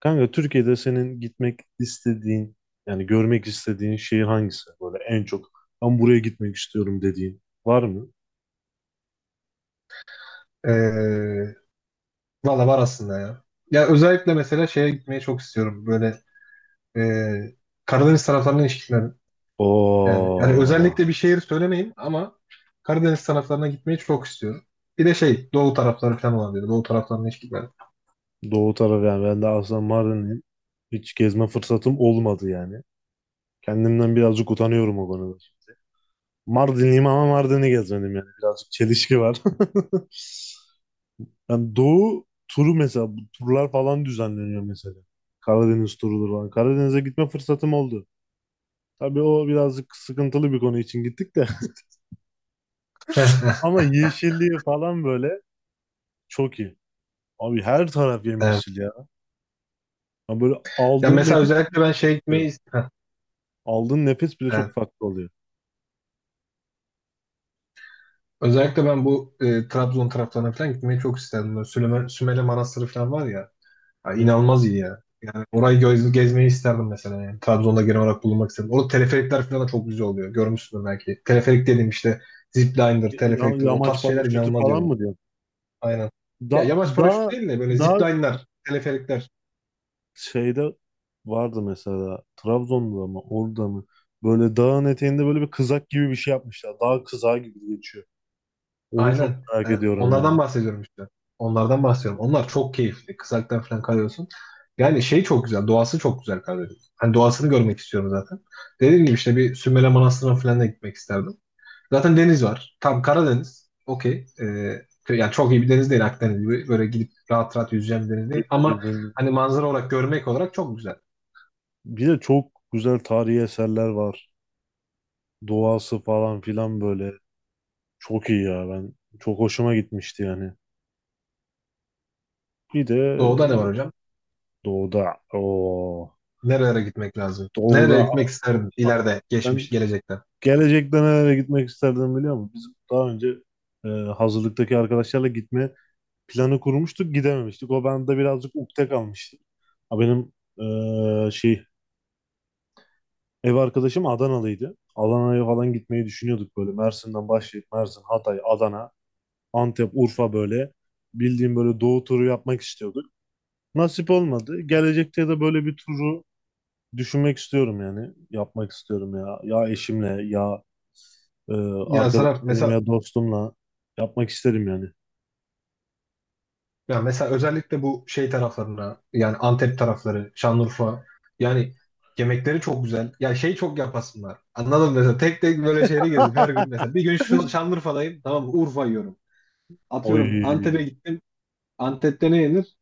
Kanka Türkiye'de senin gitmek istediğin görmek istediğin şehir hangisi? Böyle en çok ben buraya gitmek istiyorum dediğin var mı? Ee, Valla var aslında ya. Ya özellikle mesela şeye gitmeyi çok istiyorum. Böyle ee, Karadeniz taraflarına ilişkiler. Yani Oo, özellikle bir şehir söylemeyin ama Karadeniz taraflarına gitmeyi çok istiyorum. Bir de şey Doğu tarafları falan olan dedi. Doğu taraflarına ilişkiler. Doğu tarafı, yani ben de aslında Mardin'im. Hiç gezme fırsatım olmadı yani. Kendimden birazcık utanıyorum o konuda. Mardinliyim ama Mardin'i gezmedim yani. Birazcık çelişki var. Yani Doğu turu, mesela bu turlar falan düzenleniyor mesela. Karadeniz turudur falan. Karadeniz'e gitme fırsatım oldu. Tabii o birazcık sıkıntılı bir konu için gittik de. Ama yeşilliği falan böyle çok iyi. Abi her taraf Evet. yemyeşil ya. Ya böyle Ya aldığın nefes mesela bile özellikle ben farklı oluyor. Aldığın nefes bile evet. çok farklı oluyor. Özellikle ben bu Trabzon taraflarına falan gitmeyi çok isterdim. Böyle Sümele Manastırı falan var ya. Ya Hı. inanılmaz iyi ya. Yani orayı gezmeyi isterdim mesela yani. Trabzon'da genel olarak bulunmak isterdim. Orada teleferikler falan da çok güzel oluyor. Görmüşsündür belki. Teleferik dedim işte zipliner, Ya, teleferiktir o tarz yamaç şeyler paraşütü inanılmaz falan yani. mı diyor? Aynen. Ya Da, yamaç paraşütü daha, değil de böyle daha zipliner, teleferikler. şeyde vardı mesela, Trabzon'da mı, orada mı? Böyle dağın eteğinde böyle bir kızak gibi bir şey yapmışlar. Dağ kızağı gibi geçiyor. Onu çok Aynen. merak Evet, ediyorum ya. onlardan bahsediyorum işte. Onlardan bahsediyorum. Onlar çok keyifli. Kızaktan falan kalıyorsun. Yani şey çok güzel. Doğası çok güzel Karadeniz. Hani doğasını görmek istiyorum zaten. Dediğim gibi işte bir Sümele Manastırı'na falan da gitmek isterdim. Zaten deniz var. Tam Karadeniz. Okey. Ee, Yani çok iyi bir deniz değil Akdeniz gibi. Böyle gidip rahat rahat yüzeceğim bir deniz değil. Ama Bildiğin hani manzara olarak görmek olarak çok güzel. bir de çok güzel tarihi eserler var. Doğası falan filan böyle. Çok iyi ya ben. Çok hoşuma gitmişti yani. Bir de Doğuda ne var hocam? doğuda. O Nerelere gitmek lazım? Nereye doğuda. gitmek isterdim ileride, geçmiş, Ben gelecekte? gelecekte nereye gitmek isterdim biliyor musun? Biz daha önce hazırlıktaki arkadaşlarla gitme planı kurmuştuk. Gidememiştik. O bende birazcık ukde kalmıştı. Ha, benim e, şey ev arkadaşım Adanalıydı. Adana'ya falan gitmeyi düşünüyorduk böyle. Mersin'den başlayıp Mersin, Hatay, Adana. Antep, Urfa böyle. Bildiğim böyle doğu turu yapmak istiyorduk. Nasip olmadı. Gelecekte de böyle bir turu düşünmek istiyorum yani. Yapmak istiyorum ya. Ya eşimle ya e, Ya Serap arkadaşlarım mesela ya dostumla yapmak isterim yani. ya mesela özellikle bu şey taraflarına yani Antep tarafları, Şanlıurfa yani yemekleri çok güzel. Ya şey çok yapasınlar. Anladın mı? Mesela tek tek böyle şehri gezip her gün mesela bir gün şu Şanlıurfa'dayım tamam mı? Urfa yiyorum. Oy. Atıyorum Antep'e gittim. Antep'te ne yenir?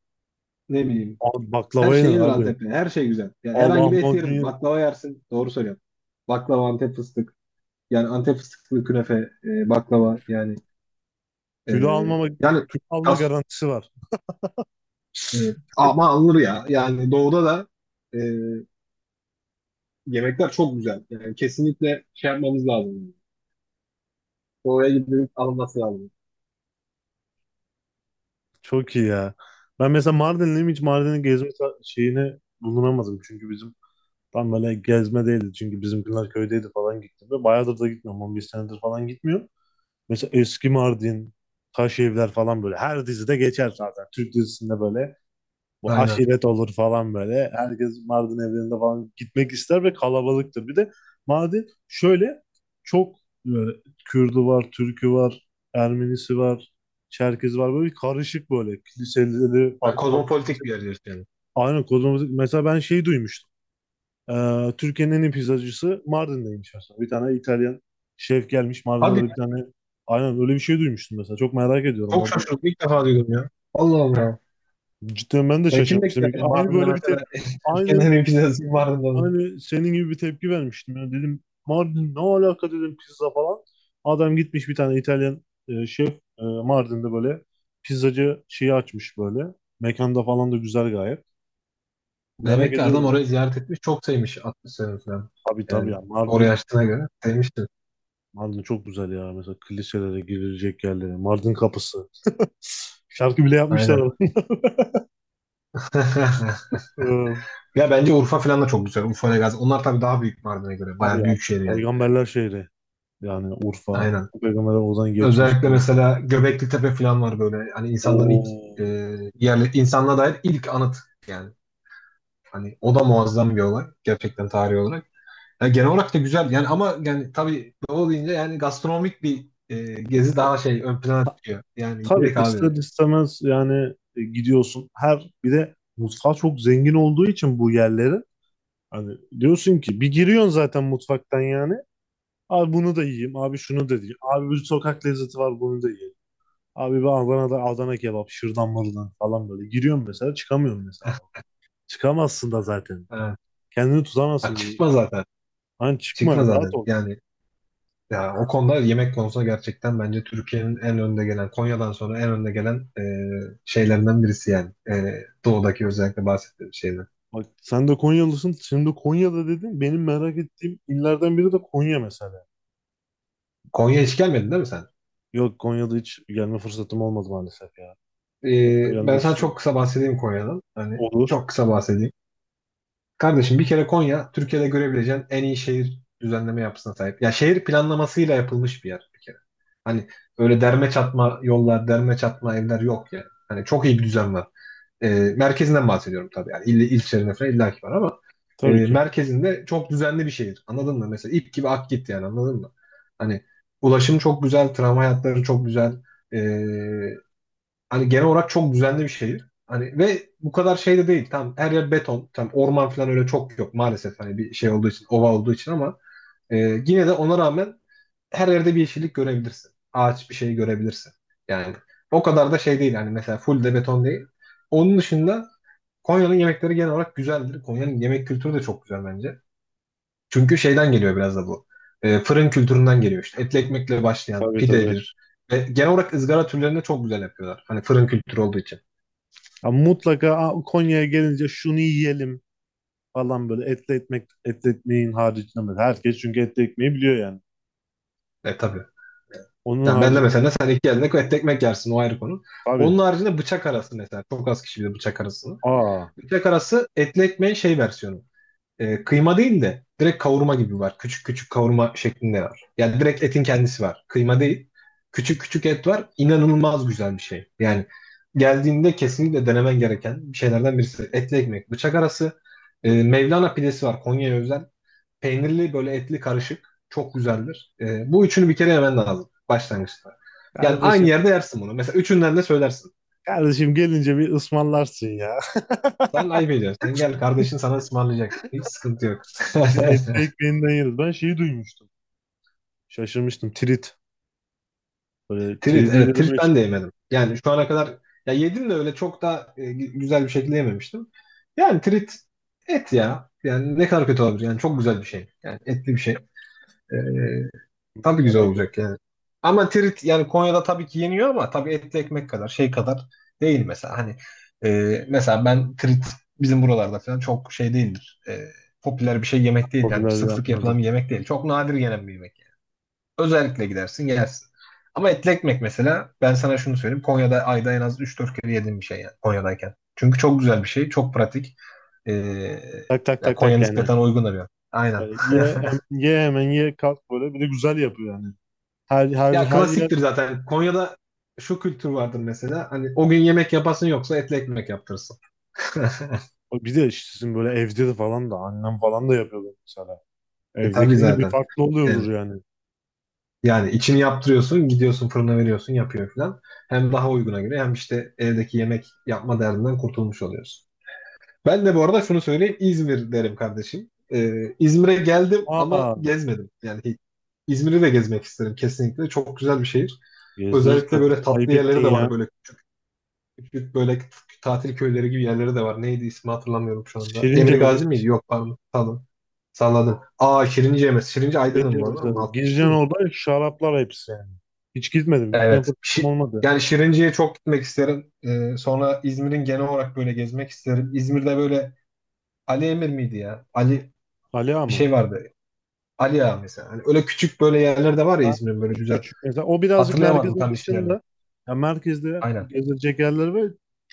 Ne bileyim. Abi baklava Her şey yenir yenir abi. Antep'te. Her şey güzel. Yani Allah herhangi bir et lahmacun yerim. yenir. Baklava yersin. Doğru söylüyorum. Baklava, Antep fıstık. Yani Antep fıstıklı künefe, baklava yani e, Kilo almama, yani kilo alma kas, garantisi var. e, ama alınır ya. Yani doğuda da e, yemekler çok güzel. Yani kesinlikle şey yapmamız lazım. Oraya gidip alınması lazım. Çok iyi ya. Ben mesela Mardinliyim, hiç Mardin'in gezme şeyine bulunamadım. Çünkü bizim tam böyle gezme değildi, çünkü bizimkiler köydeydi falan, gittim. Ve bayağıdır da gitmiyorum. 11 senedir falan gitmiyorum. Mesela eski Mardin, Taş Evler falan böyle. Her dizide geçer zaten. Türk dizisinde böyle bu Aynen. aşiret olur falan böyle. Herkes Mardin evlerinde falan gitmek ister ve kalabalıktır. Bir de Mardin şöyle çok böyle Kürdü var, Türkü var, Ermenisi var, Çerkezi var. Böyle bir karışık böyle. Kiliseleri, Ha, farklı farklı kilise. kozmopolitik bir yer diyorsun yani. Aynen, kozmopolit. Mesela ben şeyi duymuştum. Türkiye'nin en iyi pizzacısı Mardin'deymiş mesela. Bir tane İtalyan şef gelmiş Mardin'e, Hadi böyle bir tane, aynen öyle bir şey duymuştum mesela. Çok merak ediyorum çok orada. şaşırdım. İlk defa duydum ya. Allah Allah. Cidden ben de Ya kim şaşırmıştım. bekler yani Aynı Mardin'de böyle bir mesela te aynı Türkiye'nin en iyi pizzası Mardin'de. aynı senin gibi bir tepki vermiştim. Yani dedim Mardin ne alaka dedim, pizza falan. Adam gitmiş, bir tane İtalyan şef, Mardin'de böyle pizzacı şeyi açmış böyle. Mekanda falan da güzel gayet. Merak Demek ki adam ediyorum. orayı ziyaret etmiş. Çok sevmiş 60 sene falan. Tabii tabii Yani ya, oraya açtığına göre sevmiştir. Mardin çok güzel ya. Mesela kiliselere girilecek yerleri. Mardin kapısı. Şarkı bile yapmışlar Aynen. orada. Ee, Ya bence Urfa falan da çok güzel. Urfa ile Gazi. Onlar tabii daha büyük Mardin'e göre. Abi Bayağı ya, büyük şehir yani. peygamberler şehri. Yani Urfa, Aynen. bütün peygamberler oradan geçmiş Özellikle falan. mesela Göbeklitepe Tepe falan var böyle. Hani insanların ilk e, Oo. yerli insanlığa dair ilk anıt yani. Hani o da muazzam bir olay gerçekten tarihi olarak. Yani genel olarak da güzel yani ama yani tabii doğu deyince yani gastronomik bir gezi Ya, daha şey ön plana çıkıyor. Yani tabii yemek ister abi. istemez yani gidiyorsun. Her, bir de mutfağı çok zengin olduğu için bu yerlerin. Hani diyorsun ki, bir giriyorsun zaten mutfaktan yani. Abi bunu da yiyeyim. Abi şunu da yiyeyim. Abi bir sokak lezzeti var, bunu da yiyeyim. Abi ben Adana'da Adana kebap, şırdan mırdan falan böyle. Giriyorum mesela, çıkamıyorum mesela. Çıkamazsın da zaten. Ha. Kendini Ha, tutamazsın bir. çıkma zaten. Lan çıkma, Çıkma rahat zaten. ol. Yani ya o konuda yemek konusunda gerçekten bence Türkiye'nin en önde gelen Konya'dan sonra en önde gelen şeylerinden birisi yani. E, doğudaki özellikle bahsettiğim şeyler. Bak, sen de Konyalısın. Şimdi Konya'da dedin. Benim merak ettiğim illerden biri de Konya mesela. Konya'ya hiç gelmedin değil mi sen? Yok, Konya'da hiç gelme fırsatım olmadı maalesef ya. Çok da Ben gelmek sana çok istiyorum. kısa bahsedeyim Konya'dan. Hani Olur. çok kısa bahsedeyim. Kardeşim bir kere Konya Türkiye'de görebileceğin en iyi şehir düzenleme yapısına sahip. Ya şehir planlamasıyla yapılmış bir yer bir kere. Hani öyle derme çatma yollar, derme çatma evler yok yani. Hani çok iyi bir düzen var. Ee, Merkezinden bahsediyorum tabii. Yani ilçelerine falan illaki var ama Tabii ki. merkezinde çok düzenli bir şehir. Anladın mı? Mesela ip gibi ak git yani anladın mı? Hani ulaşım çok güzel, tramvay hatları çok güzel. E, hani genel olarak çok düzenli bir şehir. Hani ve bu kadar şey de değil. Tam her yer beton. Tam orman falan öyle çok yok maalesef. Hani bir şey olduğu için, ova olduğu için ama yine de ona rağmen her yerde bir yeşillik görebilirsin. Ağaç bir şey görebilirsin. Yani o kadar da şey değil. Hani mesela full de beton değil. Onun dışında Konya'nın yemekleri genel olarak güzeldir. Konya'nın yemek kültürü de çok güzel bence. Çünkü şeyden geliyor biraz da bu. E, fırın kültüründen geliyor işte. Etli ekmekle başlayan Tabii tabii. pidedir. Ve genel olarak ızgara türlerini de çok güzel yapıyorlar. Hani fırın kültürü olduğu için. Ya mutlaka, "Aa, Konya'ya gelince şunu yiyelim" falan böyle, etli ekmek, etli ekmeğin haricinde. Herkes çünkü etli ekmeği biliyor yani. E tabii. Onun Yani ben de haricinde mesela sen iki elinde et ekmek yersin o ayrı konu. tabii. Onun haricinde bıçak arası mesela. Çok az kişi bilir bıçak arasını. Aa, Bıçak arası etli ekmeğin şey versiyonu. E, kıyma değil de direkt kavurma gibi var. Küçük küçük kavurma şeklinde var. Yani direkt etin kendisi var. Kıyma değil. Küçük küçük et var. İnanılmaz güzel bir şey. Yani geldiğinde kesinlikle denemen gereken şeylerden birisi. Etli ekmek, bıçak arası. E, Mevlana pidesi var. Konya'ya özel. Peynirli böyle etli karışık. Çok güzeldir. Bu üçünü bir kere yemen lazım başlangıçta. Yani aynı kardeşim, yerde yersin bunu. Mesela üçünden de söylersin. kardeşim gelince bir ısmarlarsın ya. Sen ayıp ediyorsun. Sen gel kardeşin sana ısmarlayacak. Hiç sıkıntı yok. Bir etli ekmeğinden yeriz. Ben şeyi duymuştum. Şaşırmıştım. Trit. Böyle Trit. tridiyle Evet de trit ben de meşhur. yemedim. Yani şu ana kadar ya yedim de öyle çok da güzel bir şekilde yememiştim. Yani trit et ya. Yani ne kadar kötü olabilir. Yani çok güzel bir şey. Yani etli bir şey. Ee, Tabii güzel Yani olacak yani. Ama Tirit yani Konya'da tabii ki yeniyor ama tabii etli ekmek kadar şey kadar değil mesela. Hani mesela ben Tirit bizim buralarda falan çok şey değildir. E, popüler bir şey yemek değil yani popüler sık diye sık yapılan anladım. bir yemek değil. Çok nadir yenen bir yemek. Özellikle gidersin yersin. Ama etli ekmek mesela ben sana şunu söyleyeyim. Konya'da ayda en az üç dört kere yediğim bir şey yani Konya'dayken. Çünkü çok güzel bir şey, çok pratik. E, Tak tak yani tak Konya tak yani. nispeten uygun da bir yer. Aynen. Böyle ye, hemen ye, kalk böyle. Bir de güzel yapıyor yani. Her, her, Ya her yer. klasiktir zaten. Konya'da şu kültür vardır mesela. Hani o gün yemek yapasın yoksa etli ekmek yaptırırsın. Bir de işte sizin böyle evde de falan da annem falan da yapıyordu mesela. E tabii Evdekinde bir zaten. farklı Yani, oluyordur yani. yani içini yaptırıyorsun, gidiyorsun fırına veriyorsun, yapıyor falan. Hem daha uyguna göre hem işte evdeki yemek yapma derdinden kurtulmuş oluyorsun. Ben de bu arada şunu söyleyeyim. İzmir derim kardeşim. İzmir'e geldim ama Aa, gezmedim. Yani hiç. İzmir'i de gezmek isterim kesinlikle. Çok güzel bir şehir. gezdiririz Özellikle böyle kardeşim. tatlı Ayıp yerleri ettin de ya. var böyle küçük böyle tatil köyleri gibi yerleri de var. Neydi ismi hatırlamıyorum şu anda. Şirince Emir mi? Gazi miydi? Yok pardon. Pardon. Salladım. Aa Şirince mi? Şirince Şeyince Aydın'ın mı? mesela Ama 60 gireceğin, değil mi? orada şaraplar hepsi yani. Hiç gitmedim. Gitme Evet. fırsatım olmadı. Yani Şirince'ye çok gitmek isterim. Sonra İzmir'in genel olarak böyle gezmek isterim. İzmir'de böyle Ali Emir miydi ya? Ali Aliağa bir mı? şey vardı. Ali Ağa mesela. Hani öyle küçük böyle yerler de var ya Ha, İzmir'in böyle küçük güzel. küçük mesela. O birazcık Hatırlayamadım merkezin tam isimlerini. dışında. Ya merkezde Aynen. gezilecek yerler ve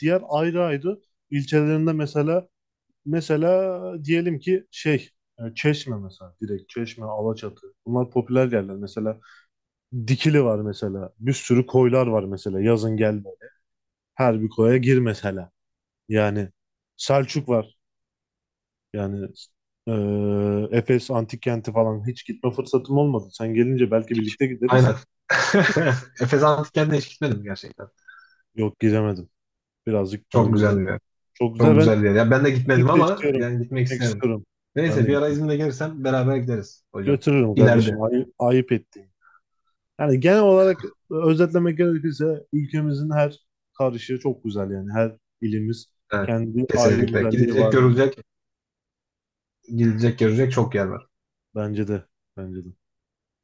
diğer ayrı ayrı ilçelerinde mesela, diyelim ki şey, Çeşme mesela, direkt Çeşme, Alaçatı. Bunlar popüler yerler. Mesela Dikili var mesela. Bir sürü koylar var mesela. Yazın gelme. Her bir koya gir mesela. Yani Selçuk var. Yani Efes Antik Kenti falan hiç gitme fırsatım olmadı. Sen gelince belki birlikte gideriz. Aynen. Efes Antik Kent'e hiç gitmedim gerçekten. Yok, gidemedim. Birazcık Çok güzel merkezden. bir yer. Çok güzel. Çok Ben güzel bir yer. Ya ben de gitmedim gitmek de ama istiyorum. yani gitmek Gitmek isterim. istiyorum. Ben Neyse de bir ara gittim. İzmir'e gelirsem beraber gideriz hocam. Götürürüm kardeşim. İleride. Ay, ayıp ettiğim. Yani genel olarak özetlemek gerekirse, ülkemizin her karışı çok güzel yani. Her ilimiz Evet. kendi ayrı Kesinlikle. güzelliği Gidilecek var yani. görülecek, gidilecek görecek çok yer var. Bence de. Bence de.